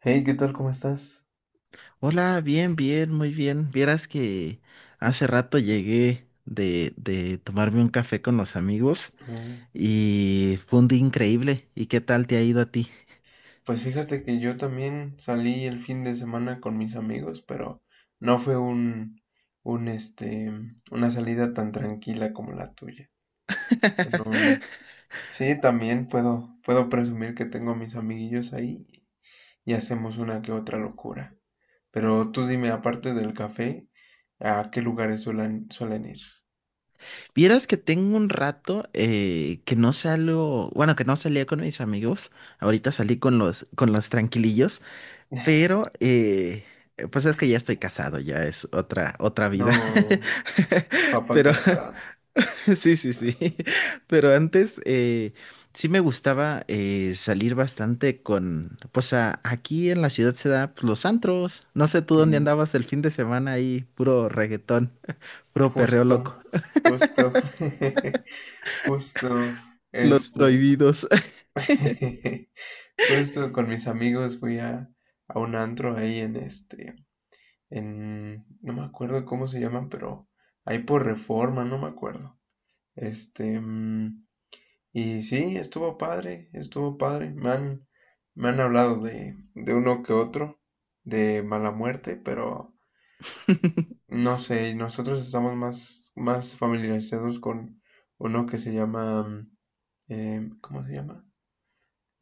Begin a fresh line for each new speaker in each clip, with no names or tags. Hey, ¿qué tal? ¿Cómo estás?
Hola, bien, bien, muy bien. Vieras que hace rato llegué de tomarme un café con los amigos
Mm.
y fue un día increíble. ¿Y qué tal te ha ido a ti?
Pues fíjate que yo también salí el fin de semana con mis amigos, pero no fue un este, una salida tan tranquila como la tuya. Pero, sí, también puedo presumir que tengo a mis amiguillos ahí y hacemos una que otra locura. Pero tú dime, aparte del café, ¿a qué lugares suelen ir?
Vieras que tengo un rato que no salgo, bueno, que no salía con mis amigos. Ahorita salí con con los tranquilillos, pero pues es que ya estoy casado, ya es otra
No,
vida.
papa
Pero
casada.
sí, sí, sí. Pero antes sí me gustaba salir bastante con, pues aquí en la ciudad se da, pues, los antros. No sé tú
Sí,
dónde andabas el fin de semana ahí, puro reggaetón, puro perreo loco.
justo, justo. Justo,
Los
este,
prohibidos.
justo con mis amigos fui a un antro ahí no me acuerdo cómo se llaman, pero ahí por Reforma, no me acuerdo. Este, mm, y sí, estuvo padre, estuvo padre. Me han hablado de uno que otro, de mala muerte, pero no sé, nosotros estamos más familiarizados con uno que se llama. ¿Cómo se llama?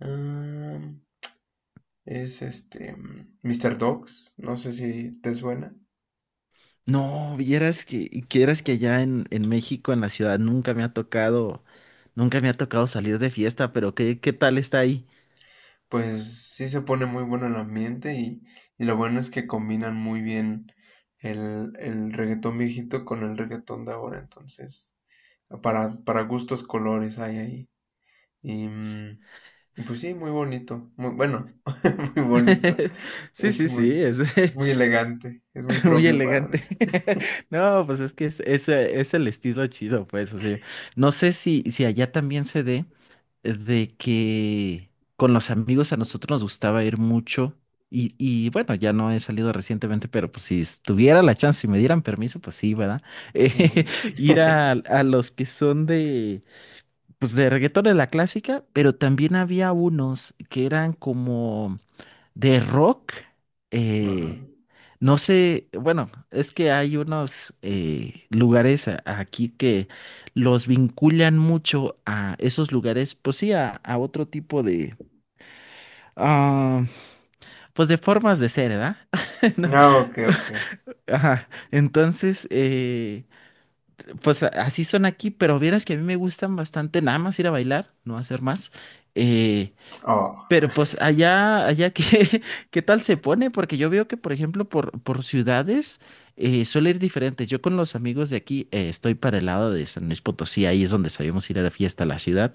Am, Es Dogs, no sé si te suena.
No, quieras que allá en México, en la ciudad, nunca me ha tocado salir de fiesta, pero ¿qué tal está ahí?
Pues sí se pone muy bueno el ambiente y lo bueno es que combinan muy bien el reggaetón viejito con el reggaetón de ahora. Entonces, para gustos colores hay ahí. Y mm, y pues sí, muy bonito. Bueno, muy bonito.
Sí,
Es
sí,
muy,
sí, es,
es muy elegante. Es muy
muy
propio para
elegante.
decir.
No, pues es que es el estilo chido, pues. O sea, no sé si allá también se dé de que con los amigos a nosotros nos gustaba ir mucho. Y bueno, ya no he salido recientemente, pero pues si tuviera la chance, si me dieran permiso, pues sí, ¿verdad? Eh,
Ujú.
ir a los que son pues de reggaetón de la clásica, pero también había unos que eran como de rock.
Ajá.
eh, no sé, bueno, es que hay unos lugares aquí que los vinculan mucho a esos lugares, pues sí, a otro tipo de, ah, pues de formas de ser, ¿verdad? No,
Ah, ok, ok.
ajá, entonces, pues así son aquí, pero vieras que a mí me gustan bastante nada más ir a bailar, no hacer más. eh,
Oh,
Pero pues allá, qué, qué tal se pone, porque yo veo que, por ejemplo, por ciudades suele ir diferente. Yo con los amigos de aquí estoy para el lado de San Luis Potosí, ahí es donde sabíamos ir a la fiesta a la ciudad.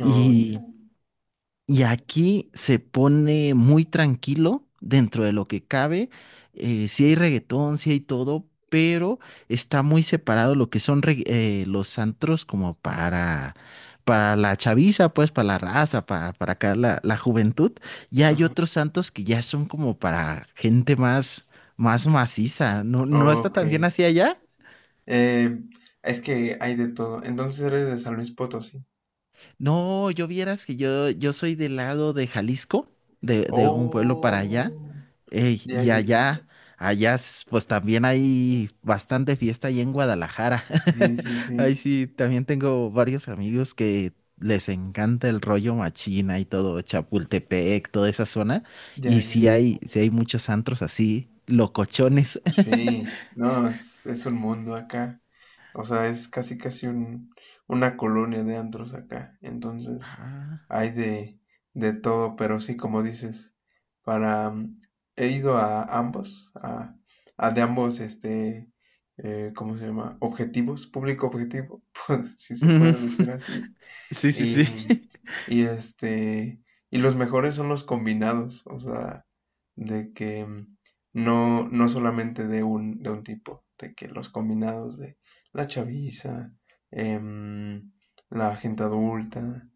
oh, ya.
Y aquí se pone muy tranquilo dentro de lo que cabe. Si hay reggaetón, sí hay todo, pero está muy separado lo que son los antros, como para la chaviza, pues para la raza, para acá la juventud. Y hay
Ajá.
otros santos que ya son como para gente más maciza. ¿No, no está
Ok.
tan bien así allá?
Eh, es que hay de todo. Entonces eres de San Luis Potosí.
No, yo vieras que yo soy del lado de Jalisco, de un pueblo para allá,
Oh, ya,
y
ya, ya.
allá, pues también hay bastante fiesta ahí en Guadalajara.
Sí, sí, sí.
Ahí sí, también tengo varios amigos que les encanta el rollo machina y todo, Chapultepec, toda esa zona,
Ya,
y sí
ya.
hay, sí hay muchos antros así, locochones.
Sí, no, es un mundo acá. O sea, es casi, casi una colonia de antros acá. Entonces,
Ah.
hay de todo, pero sí, como dices, para... mm, he ido a ambos, a de ambos, ¿cómo se llama? Objetivos, público objetivo, si se
Ujú.
puede decir así.
Sí, sí, sí.
Y, y este, y los mejores son los combinados, o sea, de que no solamente de un tipo, de que los combinados de la chaviza, em, la gente adulta.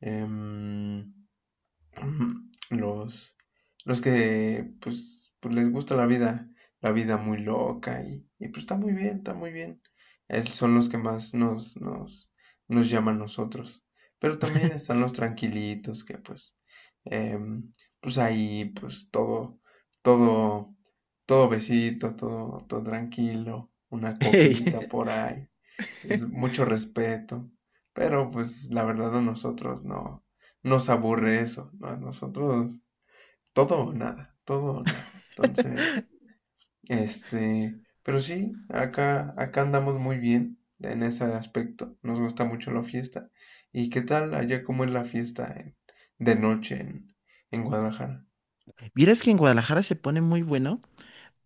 em, Ujú. Los, los que pues les gusta la vida muy loca y pues está muy bien, está muy bien. Son los que más nos llaman a nosotros. Pero también están los tranquilitos que em, pues ahí pues todo, todo, todo besito, todo, todo tranquilo, una
Ey.
copita por ahí pues, mucho respeto. Pero pues la verdad a nosotros no nos aburre eso, ¿no? A nosotros todo o nada, todo o nada. Entonces, pero sí, acá, acá andamos muy bien en ese aspecto. Nos gusta mucho la fiesta. ¿Y qué tal allá cómo es la fiesta de noche en Guadalajara?
Vieras que en Guadalajara se pone muy bueno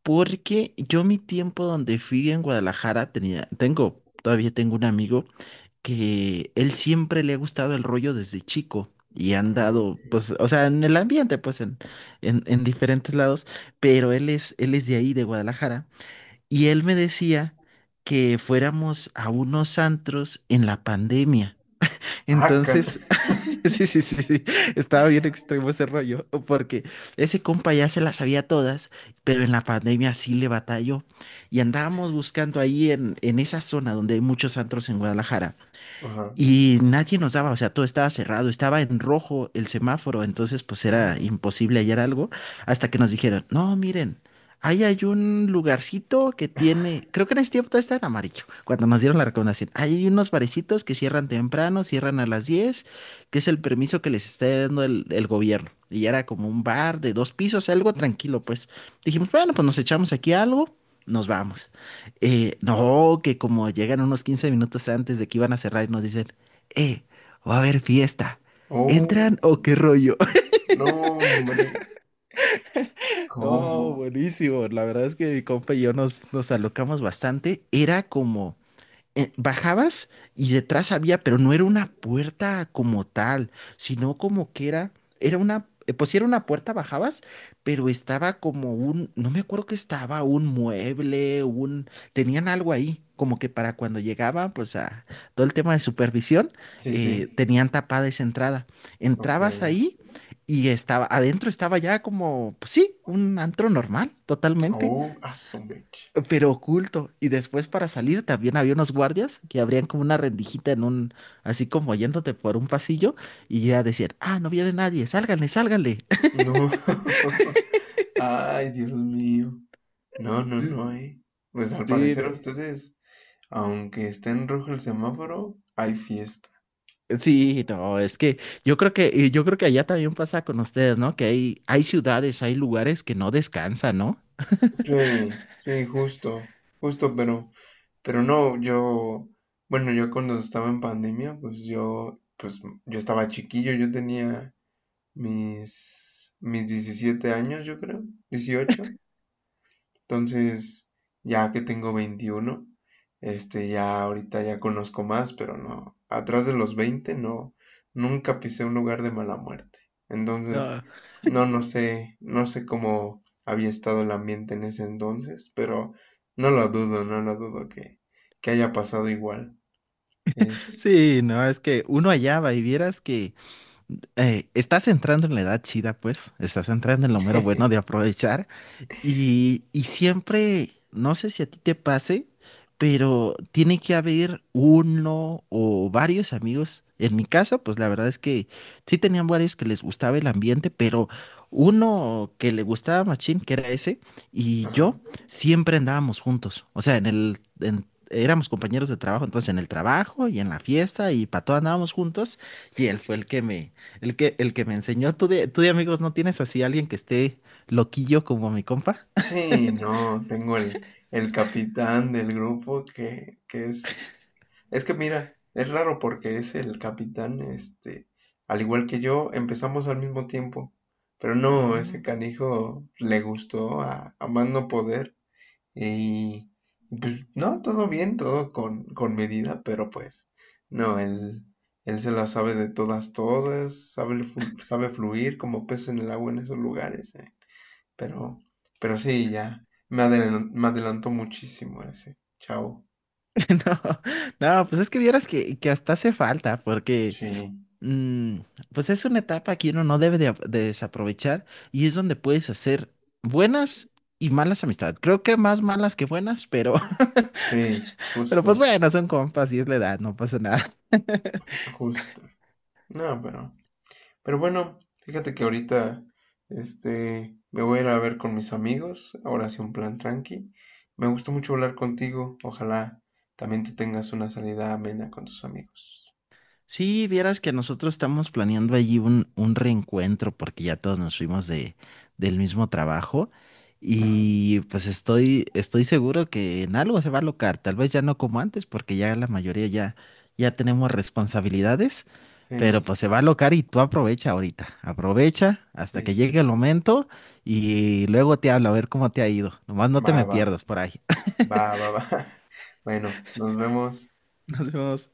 porque yo mi tiempo donde fui en Guadalajara todavía tengo un amigo que él siempre le ha gustado el rollo desde chico y han
Oh.
dado, pues, o sea, en el ambiente, pues, en diferentes lados, pero él es de ahí, de Guadalajara, y él me decía que fuéramos a unos antros en la pandemia.
Ah, can-
Entonces, sí, sí, sí, sí, estaba bien extremo ese rollo, porque ese compa ya se las sabía todas, pero en la pandemia sí le batalló. Y andábamos buscando ahí en esa zona donde hay muchos antros en Guadalajara.
Ajá,
Y nadie nos daba, o sea, todo estaba cerrado, estaba en rojo el semáforo, entonces pues era
claro.
imposible hallar algo hasta que nos dijeron: no, miren, ahí hay un lugarcito que tiene, creo que en ese tiempo todo estaba en amarillo, cuando nos dieron la recomendación, ahí hay unos barecitos que cierran temprano, cierran a las 10, que es el permiso que les está dando el gobierno. Y era como un bar de dos pisos, algo tranquilo, pues dijimos, bueno, pues nos echamos aquí algo, nos vamos. No, que como llegan unos 15 minutos antes de que iban a cerrar y nos dicen, eh, va a haber fiesta. ¿Entran
Oh,
o qué rollo?
no, hombre. ¿Cómo?
No, buenísimo. La verdad es que mi compa y yo nos alocamos bastante. Era como, bajabas y detrás había, pero no era una puerta como tal, sino como que era pues sí era una puerta, bajabas, pero estaba como un, no me acuerdo que estaba, un mueble, tenían algo ahí, como que para cuando llegaban, pues a todo el tema de supervisión,
Sí, sí.
tenían tapada esa entrada.
Ok.
Entrabas ahí y adentro estaba ya como, pues sí, un antro normal, totalmente,
Oh, a su mecha.
pero oculto. Y después para salir también había unos guardias que abrían como una rendijita en un, así como yéndote por un pasillo y ya decían: ah, no viene nadie, sálganle, sálganle.
No. Ay, Dios mío. No, no, no, eh. Pues al
Sí, sí,
parecer
no,
a ustedes, aunque esté en rojo el semáforo, hay fiesta.
sí, no, es que y yo creo que allá también pasa con ustedes, ¿no? Que hay ciudades, hay lugares que no descansan, ¿no?
Sí, sí, justo, justo, pero no, yo, bueno, yo cuando estaba en pandemia, pues yo estaba chiquillo, yo tenía mis 17 años, yo creo, 18. Entonces, ya que tengo 21, ya ahorita ya conozco más, pero no, atrás de los 20 no, nunca pisé un lugar de mala muerte. Entonces,
No,
no, no sé cómo había estado el ambiente en ese entonces, pero no lo dudo, no lo dudo que haya pasado igual. Es...
sí, no, es que uno allá va y vieras que estás entrando en la edad chida, pues, estás entrando en lo mero bueno de aprovechar. Y siempre, no sé si a ti te pase, pero tiene que haber uno o varios amigos. En mi caso, pues la verdad es que sí tenían varios que les gustaba el ambiente, pero uno que le gustaba machín, que era ese, y
Ajá.
yo siempre andábamos juntos. O sea, éramos compañeros de trabajo, entonces en el trabajo y en la fiesta y para todo andábamos juntos. Y él fue el que me enseñó. ¿Tú de amigos no tienes así alguien que esté loquillo como mi compa?
Sí, no, tengo el capitán del grupo que es... Es que mira, es raro porque es el capitán, este, al igual que yo, empezamos al mismo tiempo, pero no, ese canijo le gustó a más no poder y pues no, todo bien, todo con medida, pero pues no, él se la sabe de todas, todas, sabe fluir como pez en el agua en esos lugares, ¿eh? Pero, pero sí, ya. Me adelantó muchísimo ese. Chao.
Ah, no, no, pues es que vieras que hasta hace falta, porque
Sí,
mm, pues es una etapa que uno no debe de desaprovechar y es donde puedes hacer buenas y malas amistades. Creo que más malas que buenas, pero,
sí,
pero pues
justo,
bueno, son compas y es la edad, no pasa nada.
justo. No, pero bueno, fíjate que ahorita, este, me voy a ir a ver con mis amigos. Ahora sí, un plan tranqui. Me gustó mucho hablar contigo. Ojalá también tú tengas una salida amena con tus amigos.
Sí, vieras que nosotros estamos planeando allí un reencuentro porque ya todos nos fuimos del mismo trabajo
Ajá.
y pues estoy seguro que en algo se va a locar, tal vez ya no como antes porque ya la mayoría ya tenemos responsabilidades, pero
Sí,
pues se va a locar y tú aprovecha ahorita, aprovecha hasta
sí,
que llegue
sí.
el momento y luego te hablo a ver cómo te ha ido, nomás no
Va,
te me
va,
pierdas por ahí.
va, va, va. Bueno, nos vemos.
Nos vemos.